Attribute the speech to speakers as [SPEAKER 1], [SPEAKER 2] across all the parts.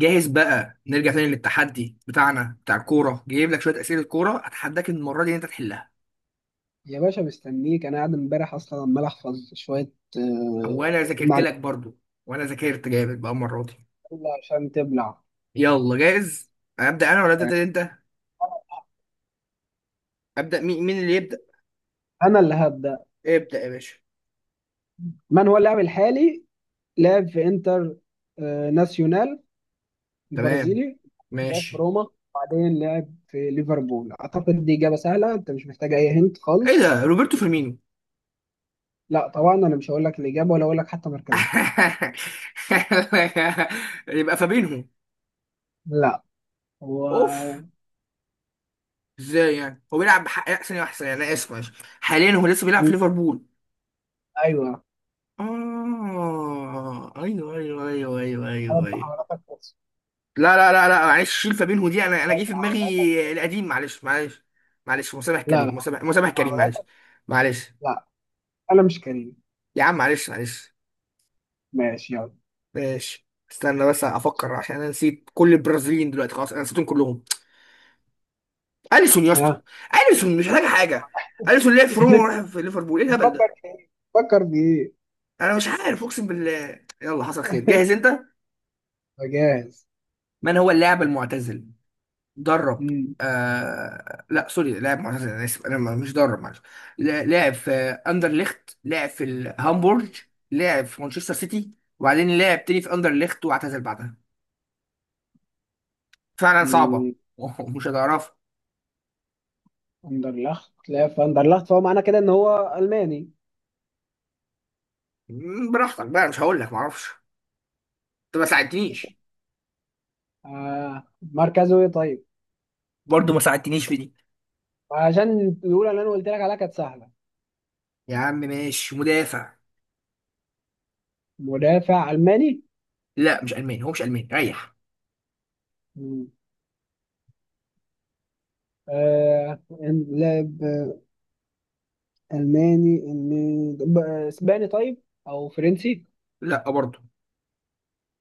[SPEAKER 1] جاهز بقى نرجع تاني للتحدي بتاعنا بتاع الكورة؟ جايب لك شوية أسئلة كورة، أتحداك إن المرة دي إن أنت تحلها.
[SPEAKER 2] يا باشا، مستنيك. انا قاعد امبارح اصلا عمال احفظ شويه
[SPEAKER 1] أو أنا
[SPEAKER 2] آه،
[SPEAKER 1] ذاكرت لك
[SPEAKER 2] معلومات
[SPEAKER 1] برضو، وأنا ذاكرت جامد بقى المرة دي.
[SPEAKER 2] عشان تبلع.
[SPEAKER 1] يلا جاهز؟ أبدأ أنا ولا تبدأ أنت؟ أبدأ، مين اللي يبدأ؟
[SPEAKER 2] انا اللي هبدا.
[SPEAKER 1] ابدأ يا باشا.
[SPEAKER 2] من هو اللاعب الحالي؟ لعب في انتر ناسيونال
[SPEAKER 1] تمام.
[SPEAKER 2] البرازيلي. لعب في
[SPEAKER 1] ماشي.
[SPEAKER 2] روما، بعدين لعب في ليفربول. اعتقد دي اجابه سهله، انت مش محتاج اي هنت
[SPEAKER 1] إيه
[SPEAKER 2] خالص.
[SPEAKER 1] ده، روبرتو فيرمينو؟
[SPEAKER 2] لا طبعا، انا مش هقول لك الاجابه ولا اقول لك حتى مركزه.
[SPEAKER 1] يبقى فابينهو؟
[SPEAKER 2] لا. هو.
[SPEAKER 1] أوف. إزاي يعني هو بيلعب بحق أحسن وأحسن، يعني أنا آسف معلش. حاليا هو لسه بيلعب في ليفربول.
[SPEAKER 2] ايوه.
[SPEAKER 1] اه، ايوه ايوه ايوه ايوه ايوه
[SPEAKER 2] أنا
[SPEAKER 1] ايوه.
[SPEAKER 2] بحاولاتك بس.
[SPEAKER 1] لا لا لا لا معلش، شيل فابينهو دي، انا
[SPEAKER 2] أنا
[SPEAKER 1] جه في
[SPEAKER 2] بحاولاتك.
[SPEAKER 1] دماغي القديم، معلش معلش. معلش، مسامح
[SPEAKER 2] لا
[SPEAKER 1] كريم،
[SPEAKER 2] لا،
[SPEAKER 1] مسامح، مسامح كريم، معلش
[SPEAKER 2] بحاولاتك.
[SPEAKER 1] معلش.
[SPEAKER 2] لا، انا مش كريم.
[SPEAKER 1] يا عم معلش معلش.
[SPEAKER 2] ماشي، يلا.
[SPEAKER 1] ماشي، استنى بس افكر، عشان انا نسيت كل البرازيليين دلوقتي خلاص، انا نسيتهم كلهم. اليسون يا اسطى.
[SPEAKER 2] ها.
[SPEAKER 1] اليسون مش محتاج حاجه. اليسون لعب في روما وراح في ليفربول، ايه الهبل
[SPEAKER 2] بتفكر
[SPEAKER 1] ده؟
[SPEAKER 2] في ايه؟ بتفكر في ايه؟
[SPEAKER 1] انا مش عارف اقسم بالله، يلا حصل خير، جاهز انت؟
[SPEAKER 2] فجاهز.
[SPEAKER 1] من هو اللاعب المعتزل؟ درب.
[SPEAKER 2] مم.
[SPEAKER 1] آه لا سوري، لاعب معتزل، انا اسف، انا مش درب، معلش. لاعب في اندرليخت، لاعب في الهامبورج، لاعب في مانشستر سيتي، وبعدين لاعب تاني في اندرليخت واعتزل بعدها. فعلا صعبه.
[SPEAKER 2] مم.
[SPEAKER 1] ومش هتعرفها.
[SPEAKER 2] فاندرلخت، لا، فاندرلخت، فهو معنى كده ان هو الماني.
[SPEAKER 1] براحتك بقى، مش هقول لك، معرفش. انت ما ساعدتنيش.
[SPEAKER 2] آه. مركزه ايه طيب؟
[SPEAKER 1] برضه ما ساعدتنيش في دي.
[SPEAKER 2] عشان الاولى اللي انا قلت لك عليها كانت سهله.
[SPEAKER 1] يا عم ماشي، مدافع.
[SPEAKER 2] مدافع الماني.
[SPEAKER 1] لا مش الماني، هو مش الماني، ريح.
[SPEAKER 2] مم. آه. لاعب الماني، اسباني طيب او فرنسي؟
[SPEAKER 1] لا برضه.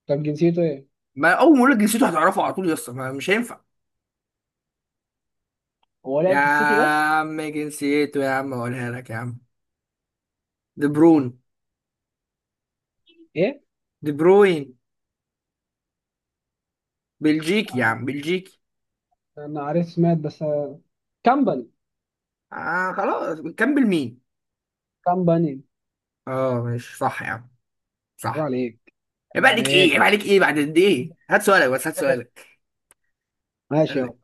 [SPEAKER 2] طب جنسيته ايه؟
[SPEAKER 1] ما اول ما اقول لك جنسيته هتعرفه على طول يا اسطى، مش هينفع.
[SPEAKER 2] هو
[SPEAKER 1] يا
[SPEAKER 2] لعب في السيتي بس.
[SPEAKER 1] عم جنسيته، يا عم اقولها لك يا عم. دي برون
[SPEAKER 2] ايه؟
[SPEAKER 1] دي بروين بلجيكي يا
[SPEAKER 2] آه.
[SPEAKER 1] عم، بلجيكي.
[SPEAKER 2] انا عارف، سمعت بس كامباني.
[SPEAKER 1] آه خلاص، نكمل؟ مين؟
[SPEAKER 2] كامباني.
[SPEAKER 1] اه ماشي، صح يا عم،
[SPEAKER 2] طب
[SPEAKER 1] صح.
[SPEAKER 2] عليك. طب
[SPEAKER 1] عيب عليك ايه؟ عيب
[SPEAKER 2] عليك.
[SPEAKER 1] عليك ايه؟ بعد قد ايه؟ هات سؤالك بس، هات
[SPEAKER 2] ذكاء.
[SPEAKER 1] سؤالك.
[SPEAKER 2] ماشي
[SPEAKER 1] قال
[SPEAKER 2] اهو.
[SPEAKER 1] لك،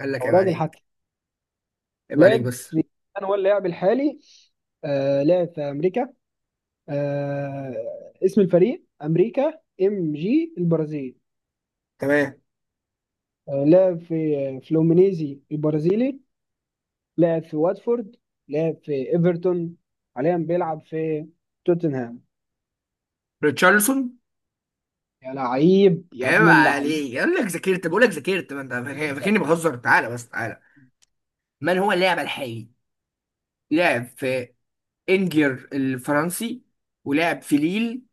[SPEAKER 1] قال لك
[SPEAKER 2] او
[SPEAKER 1] عيب
[SPEAKER 2] راجل
[SPEAKER 1] عليك.
[SPEAKER 2] حتى
[SPEAKER 1] عيب عليك
[SPEAKER 2] لعب.
[SPEAKER 1] بس.
[SPEAKER 2] انا هو اللاعب الحالي. لعب في امريكا. آه اسم الفريق امريكا ام جي البرازيل.
[SPEAKER 1] تمام.
[SPEAKER 2] لعب في فلومينيزي البرازيلي. لعب في واتفورد. لعب في ايفرتون. حاليا بيلعب في توتنهام.
[SPEAKER 1] ريتشارلسون.
[SPEAKER 2] يا لعيب يا
[SPEAKER 1] عيب
[SPEAKER 2] ابن اللعيب.
[SPEAKER 1] عليك، قال لك ذاكرت،
[SPEAKER 2] يا
[SPEAKER 1] بقول لك ذاكرت، ما انت
[SPEAKER 2] ابن اللعيب.
[SPEAKER 1] فاكرني بهزر، تعالى بس تعالى. من هو اللاعب الحالي؟ لعب في انجر الفرنسي، ولعب في ليل،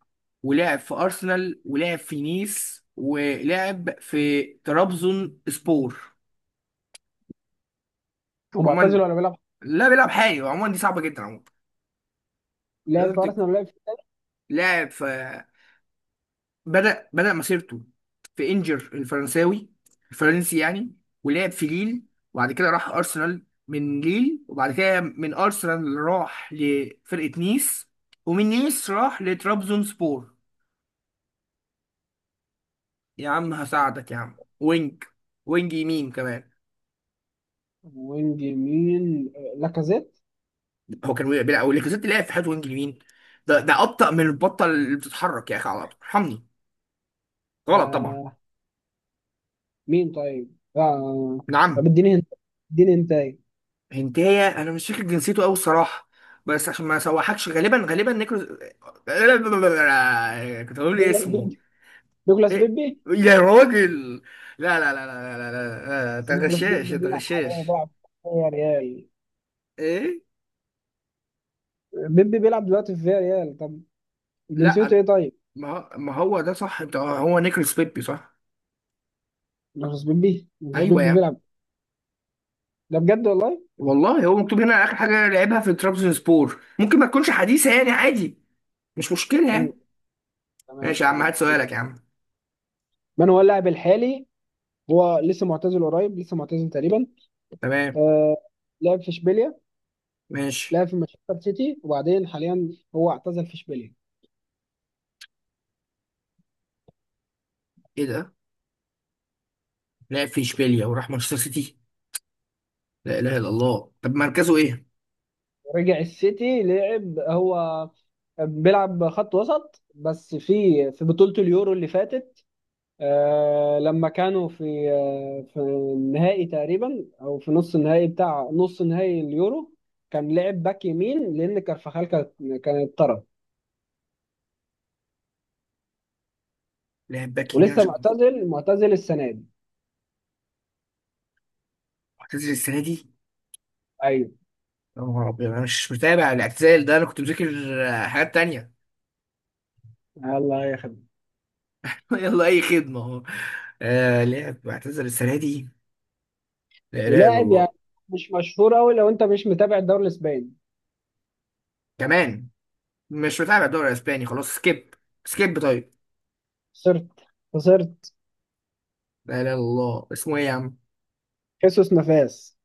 [SPEAKER 1] ولعب في أرسنال، ولعب في نيس، ولعب في ترابزون سبور.
[SPEAKER 2] هو معتزل
[SPEAKER 1] عموما.
[SPEAKER 2] ولا بيلعب؟
[SPEAKER 1] لا بيلعب حالي، عموما دي صعبة جدا عموما.
[SPEAKER 2] لعب
[SPEAKER 1] لازم
[SPEAKER 2] في ارسنال ولا لعب في
[SPEAKER 1] لاعب في، بدأ مسيرته في إنجر الفرنساوي، الفرنسي يعني، ولعب في ليل، وبعد كده راح أرسنال من ليل، وبعد كده من أرسنال راح لفرقة نيس، ومن نيس راح لترابزون سبور. يا عم هساعدك يا عم، وينج يمين كمان.
[SPEAKER 2] وينج يمين لاكازيت.
[SPEAKER 1] هو كان وقع بيلعب، وليكوزيت لعب في حياته وينج يمين؟ ده ابطأ من البطه اللي بتتحرك، يا اخي على الارض، ارحمني. غلط طبعا.
[SPEAKER 2] آه. مين طيب؟ آه. طب
[SPEAKER 1] نعم.
[SPEAKER 2] اديني انت. اديني انت ايه؟
[SPEAKER 1] هنتايه، انا مش فاكر جنسيته قوي الصراحه، بس عشان ما اسوحكش، غالبا نيكروز. كنت هقول لي
[SPEAKER 2] نيكولاس
[SPEAKER 1] اسمه.
[SPEAKER 2] بيبي. نيكولاس
[SPEAKER 1] إيه؟
[SPEAKER 2] بيبي.
[SPEAKER 1] يا راجل، لا لا لا لا لا لا لا، انت
[SPEAKER 2] بس نيكولاس
[SPEAKER 1] غشاش،
[SPEAKER 2] بيبي
[SPEAKER 1] انت
[SPEAKER 2] بيلعب حاليا،
[SPEAKER 1] غشاش.
[SPEAKER 2] بيلعب في ريال.
[SPEAKER 1] ايه؟
[SPEAKER 2] بيبي بيلعب دلوقتي في ريال. طب جنسيته
[SPEAKER 1] لا،
[SPEAKER 2] ايه طيب؟
[SPEAKER 1] ما هو ده صح، انت، هو نيكروس بيبي صح.
[SPEAKER 2] نيكولاس بيبي. نيكولاس
[SPEAKER 1] ايوه يا
[SPEAKER 2] بيبي
[SPEAKER 1] عم.
[SPEAKER 2] بيلعب. ده بجد والله؟
[SPEAKER 1] والله هو مكتوب هنا، اخر حاجه لعبها في ترابزون سبور، ممكن ما تكونش حديثه يعني، عادي، مش مشكله
[SPEAKER 2] مم.
[SPEAKER 1] يعني.
[SPEAKER 2] تمام.
[SPEAKER 1] ماشي يا عم،
[SPEAKER 2] تمام.
[SPEAKER 1] هات
[SPEAKER 2] تمام.
[SPEAKER 1] سؤالك يا عم.
[SPEAKER 2] من هو اللاعب الحالي؟ هو لسه معتزل قريب، لسه معتزل تقريبا.
[SPEAKER 1] تمام.
[SPEAKER 2] آه. لعب في اشبيليا.
[SPEAKER 1] ماشي.
[SPEAKER 2] لعب في مانشستر سيتي، وبعدين حاليا هو اعتزل في اشبيليا.
[SPEAKER 1] ايه ده؟ لعب في اشبيليا وراح مانشستر سيتي؟ لا اله الا الله، طب مركزه ايه؟
[SPEAKER 2] رجع السيتي. لعب هو، بيلعب خط وسط. بس في بطولة اليورو اللي فاتت لما كانوا في النهائي تقريبا، او في نص النهائي، بتاع نص نهائي اليورو. كان لعب باك يمين لان كارفاخال كانت طرد.
[SPEAKER 1] لاعب باك يمين
[SPEAKER 2] ولسه
[SPEAKER 1] عشان،
[SPEAKER 2] معتزل السنة دي.
[SPEAKER 1] اعتزل السنه دي.
[SPEAKER 2] ايوه.
[SPEAKER 1] يا نهار ابيض، انا مش متابع الاعتزال ده، انا كنت مذاكر حاجات تانية.
[SPEAKER 2] الله يخليك.
[SPEAKER 1] يلا اي خدمه اهو. آه لعب اعتزل السنه دي؟ لا اله الا
[SPEAKER 2] ولاعب يعني
[SPEAKER 1] الله.
[SPEAKER 2] مش مشهور قوي لو انت مش متابع الدوري الاسباني.
[SPEAKER 1] كمان مش متابع الدوري الاسباني، خلاص سكيب. سكيب طيب.
[SPEAKER 2] خسرت. خسرت.
[SPEAKER 1] لا اله الا الله، اسمه ايه يا عم؟
[SPEAKER 2] خيسوس نافاس.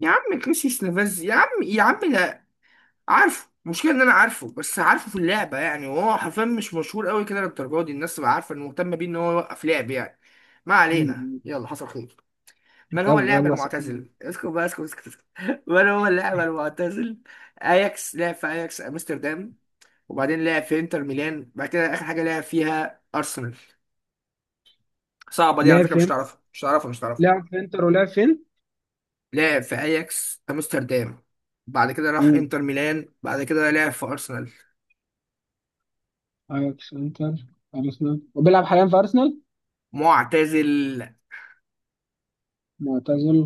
[SPEAKER 1] يا عم كريسي نافاز يا عم، يا عم ده. عارفه المشكله ان انا عارفه، بس عارفه في اللعبه يعني، وهو حرفيا مش مشهور قوي كده للدرجه دي الناس تبقى عارفه انه مهتم بيه ان هو يوقف لعب يعني. ما علينا،
[SPEAKER 2] مم.
[SPEAKER 1] يلا حصل خير. من هو
[SPEAKER 2] يلا
[SPEAKER 1] اللاعب
[SPEAKER 2] يلا.
[SPEAKER 1] المعتزل؟ اسكت بقى، اسكت اسكت اسكت. من هو اللاعب المعتزل؟ اياكس، لعب في اياكس امستردام، وبعدين لعب في انتر ميلان، بعد كده اخر حاجه لعب فيها ارسنال. صعبه دي على
[SPEAKER 2] لعب
[SPEAKER 1] فكره، مش
[SPEAKER 2] فين؟
[SPEAKER 1] تعرفها، مش تعرفها، مش تعرفها.
[SPEAKER 2] لعب في انتر ولعب فين؟
[SPEAKER 1] لعب في اياكس امستردام، بعد كده راح
[SPEAKER 2] مم.
[SPEAKER 1] انتر ميلان، بعد كده لعب في ارسنال.
[SPEAKER 2] اياكس، انتر، ارسنال. وبيلعب حاليا في ارسنال.
[SPEAKER 1] معتزل.
[SPEAKER 2] معتزل.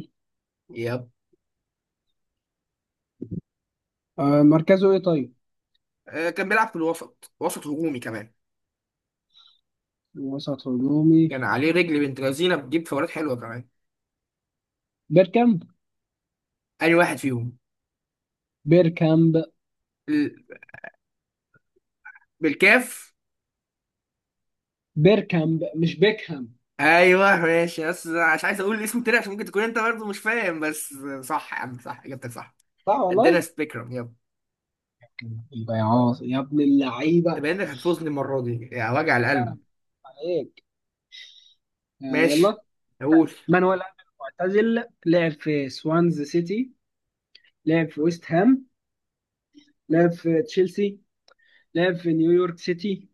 [SPEAKER 1] يب.
[SPEAKER 2] آه، مركزه ايه طيب؟
[SPEAKER 1] كان بيلعب في الوسط، وسط هجومي كمان.
[SPEAKER 2] وسط هجومي.
[SPEAKER 1] كان عليه رجل بنت لذينه، بتجيب فاولات حلوه كمان.
[SPEAKER 2] بيركامب.
[SPEAKER 1] انهي واحد فيهم؟
[SPEAKER 2] بيركامب.
[SPEAKER 1] ال- بالكاف.
[SPEAKER 2] بيركامب مش بيكهام.
[SPEAKER 1] ايوه ماشي، بس أنا مش عايز اقول الاسم تاني عشان ممكن تكون انت برضه مش فاهم، بس صح يا عم، صح، اجابتك صح.
[SPEAKER 2] صح
[SPEAKER 1] ادينا
[SPEAKER 2] والله.
[SPEAKER 1] سبيكرم يب.
[SPEAKER 2] يبقى يا عاص يا ابن
[SPEAKER 1] انت
[SPEAKER 2] اللعيبه.
[SPEAKER 1] باين انك هتفوزني المره دي، يا وجع القلب.
[SPEAKER 2] سلام عليك. آه،
[SPEAKER 1] ماشي.
[SPEAKER 2] يلا.
[SPEAKER 1] اقول.
[SPEAKER 2] مانويل أنيلو معتزل. لعب في سوانز سيتي. لعب في ويست هام. لعب في تشيلسي. لعب في نيويورك سيتي.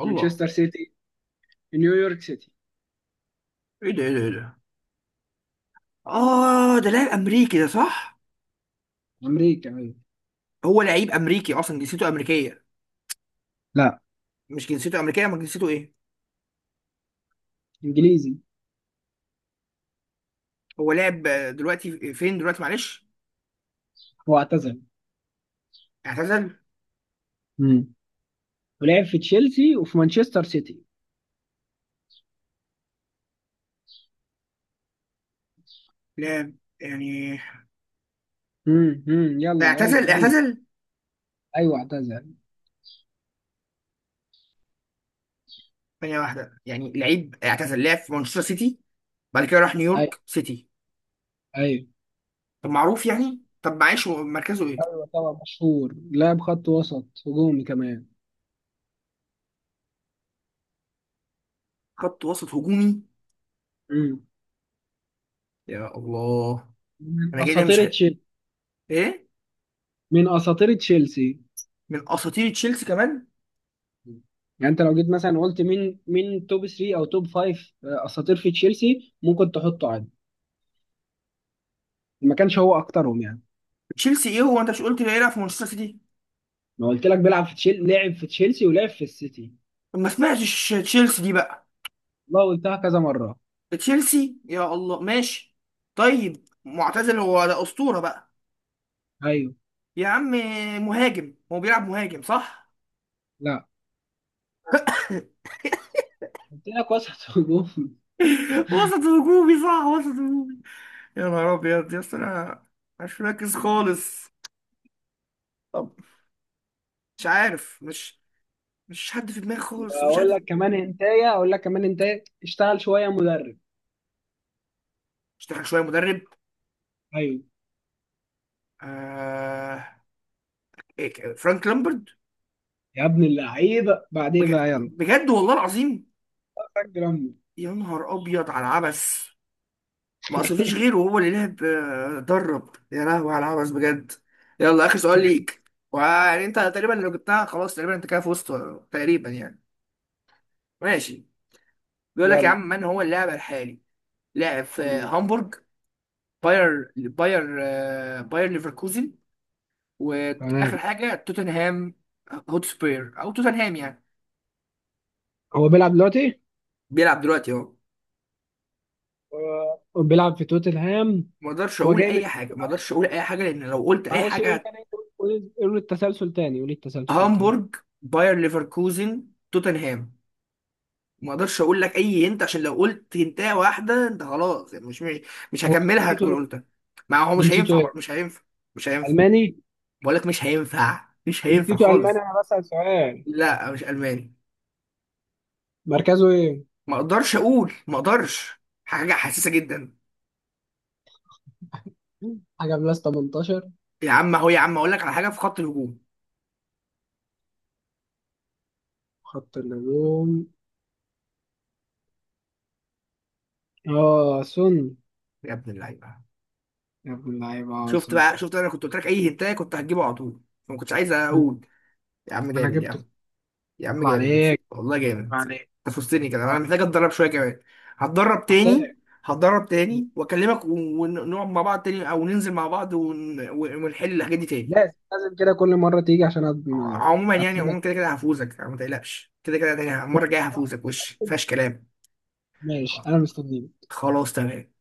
[SPEAKER 1] الله.
[SPEAKER 2] مانشستر سيتي، نيويورك سيتي.
[SPEAKER 1] ايه ده؟ ايه ده؟ ايه ده؟ اه ده لاعب امريكي ده صح.
[SPEAKER 2] امريكا أيوة.
[SPEAKER 1] هو لعيب امريكي اصلا، جنسيته امريكيه؟
[SPEAKER 2] لا.
[SPEAKER 1] مش جنسيته امريكيه، امال جنسيته ايه؟
[SPEAKER 2] انجليزي.
[SPEAKER 1] هو لاعب، دلوقتي فين؟ دلوقتي معلش.
[SPEAKER 2] هو اعتزل.
[SPEAKER 1] اعتزل؟
[SPEAKER 2] مم. ولعب في تشيلسي وفي مانشستر سيتي.
[SPEAKER 1] لاعب يعني.
[SPEAKER 2] يلا يلا
[SPEAKER 1] اعتزل
[SPEAKER 2] يلا.
[SPEAKER 1] اعتزل.
[SPEAKER 2] ايوه اعتزل.
[SPEAKER 1] ثانيه واحده، يعني لعيب اعتزل لعب في مانشستر سيتي بعد كده راح
[SPEAKER 2] ايوه
[SPEAKER 1] نيويورك سيتي.
[SPEAKER 2] ايوه
[SPEAKER 1] طب معروف يعني، طب معلش، هو مركزه ايه؟
[SPEAKER 2] ايوه طبعا مشهور. لاعب خط وسط هجومي كمان.
[SPEAKER 1] خط وسط هجومي.
[SPEAKER 2] امم
[SPEAKER 1] يا الله.
[SPEAKER 2] من
[SPEAKER 1] انا جاي ده مش
[SPEAKER 2] اساطير
[SPEAKER 1] حق.
[SPEAKER 2] تشيلسي.
[SPEAKER 1] ايه؟
[SPEAKER 2] من اساطير تشيلسي.
[SPEAKER 1] من اساطير تشيلسي كمان؟
[SPEAKER 2] مم. يعني انت لو جيت مثلا قلت مين توب 3 او توب 5 اساطير في تشيلسي، ممكن تحطه عادي. ما كانش هو اكترهم يعني.
[SPEAKER 1] تشيلسي؟ ايه هو، انت مش قلت بيلعب في مانشستر سيتي؟
[SPEAKER 2] ما قلت لك بيلعب في لعب في تشيلسي ولعب في السيتي.
[SPEAKER 1] طب ما سمعتش تشيلسي دي بقى.
[SPEAKER 2] والله قلتها كذا مره.
[SPEAKER 1] تشيلسي يا الله، ماشي. طيب معتزل، هو ده اسطوره بقى؟
[SPEAKER 2] ايوه.
[SPEAKER 1] يا عم، مهاجم، هو بيلعب مهاجم صح؟
[SPEAKER 2] لا، قلت لك وسط هجوم.
[SPEAKER 1] وسط هجومي صح، وسط هجومي. يا نهار ابيض يا اسطى، انا مش مركز خالص. طب مش عارف، مش حد في دماغي خالص، مفيش
[SPEAKER 2] واقول لك
[SPEAKER 1] حد.
[SPEAKER 2] كمان هنتايه اقول لك كمان هنتايه اشتغل شويه مدرب.
[SPEAKER 1] اشتغل شويه مدرب؟
[SPEAKER 2] ايوه.
[SPEAKER 1] آه... إيه، فرانك لامبرد؟
[SPEAKER 2] يا ابن اللعيبه، بعد ايه بقى؟ يلا
[SPEAKER 1] بجد والله العظيم.
[SPEAKER 2] سجل امك.
[SPEAKER 1] يا نهار ابيض على العبث، ما اصل مفيش غيره هو اللي لعب، درب. يا لهوي على العبث بجد. يلا اخر سؤال ليك، ويعني انت تقريبا لو جبتها خلاص تقريبا انت كده فزت، تقريبا يعني. ماشي. بيقول لك يا
[SPEAKER 2] يلا.
[SPEAKER 1] عم، من هو اللاعب الحالي؟ لاعب في
[SPEAKER 2] مم.
[SPEAKER 1] هامبورغ، باير ليفركوزن، واخر
[SPEAKER 2] تمام.
[SPEAKER 1] حاجه توتنهام، هوتسبير او توتنهام يعني.
[SPEAKER 2] هو بيلعب دلوقتي.
[SPEAKER 1] بيلعب دلوقتي اهو.
[SPEAKER 2] هو بيلعب في توتنهام.
[SPEAKER 1] ما اقدرش
[SPEAKER 2] هو
[SPEAKER 1] اقول
[SPEAKER 2] جاي من،
[SPEAKER 1] اي حاجه، ما
[SPEAKER 2] معلش.
[SPEAKER 1] اقدرش اقول اي حاجه، لان لو قلت اي
[SPEAKER 2] معلش، قول
[SPEAKER 1] حاجه.
[SPEAKER 2] تاني. قول قول قول التسلسل تاني. قول التسلسل تاني.
[SPEAKER 1] هامبورغ، باير ليفركوزن، توتنهام. ما اقدرش اقول لك اي هنت، عشان لو قلت هنتايه واحده انت خلاص يعني، مش مش
[SPEAKER 2] هو
[SPEAKER 1] هكملها،
[SPEAKER 2] جنسيته
[SPEAKER 1] هتكون
[SPEAKER 2] ايه؟
[SPEAKER 1] قلتها. ما هو مش
[SPEAKER 2] جنسيته
[SPEAKER 1] هينفع،
[SPEAKER 2] ايه؟
[SPEAKER 1] مش هينفع. مش هينفع،
[SPEAKER 2] الماني؟
[SPEAKER 1] بقول لك مش هينفع، مش هينفع
[SPEAKER 2] جنسيته الماني.
[SPEAKER 1] خالص.
[SPEAKER 2] انا بسأل سؤال.
[SPEAKER 1] لا مش الماني.
[SPEAKER 2] مركزه ايه؟
[SPEAKER 1] ما اقدرش اقول، ما اقدرش، حاجه حساسه جدا.
[SPEAKER 2] حاجه بلس 18.
[SPEAKER 1] يا عم اهو، يا عم اقول لك على حاجه في خط الهجوم.
[SPEAKER 2] خط الهجوم. اه سون.
[SPEAKER 1] يا ابن اللعيبه.
[SPEAKER 2] يا ابن اللعيبه، اه
[SPEAKER 1] شفت
[SPEAKER 2] سون.
[SPEAKER 1] بقى، شفت، انا كنت قلت لك اي هنتايه كنت هتجيبه على طول، ما كنتش عايز
[SPEAKER 2] ما
[SPEAKER 1] اقول. يا عم
[SPEAKER 2] انا
[SPEAKER 1] جامد يا
[SPEAKER 2] جبته.
[SPEAKER 1] عم. يا عم
[SPEAKER 2] طب
[SPEAKER 1] جامد.
[SPEAKER 2] عليك.
[SPEAKER 1] والله
[SPEAKER 2] طب
[SPEAKER 1] جامد.
[SPEAKER 2] عليك.
[SPEAKER 1] انت فزتني كده،
[SPEAKER 2] طب
[SPEAKER 1] انا
[SPEAKER 2] عليك.
[SPEAKER 1] محتاج اتدرب شويه كمان. هتدرب
[SPEAKER 2] محتاج.
[SPEAKER 1] تاني. هتدرب تاني، واكلمك ونقعد مع بعض تاني، او ننزل مع بعض ونحل الحاجات دي تاني.
[SPEAKER 2] لازم لازم كده كل مره تيجي عشان
[SPEAKER 1] عموما يعني،
[SPEAKER 2] اكسبك.
[SPEAKER 1] عموما كده كده هفوزك، ما تقلقش كده كده تاني المره الجايه هفوزك، وش مفيهاش كلام.
[SPEAKER 2] ماشي انا مستنيك.
[SPEAKER 1] خلاص تمام.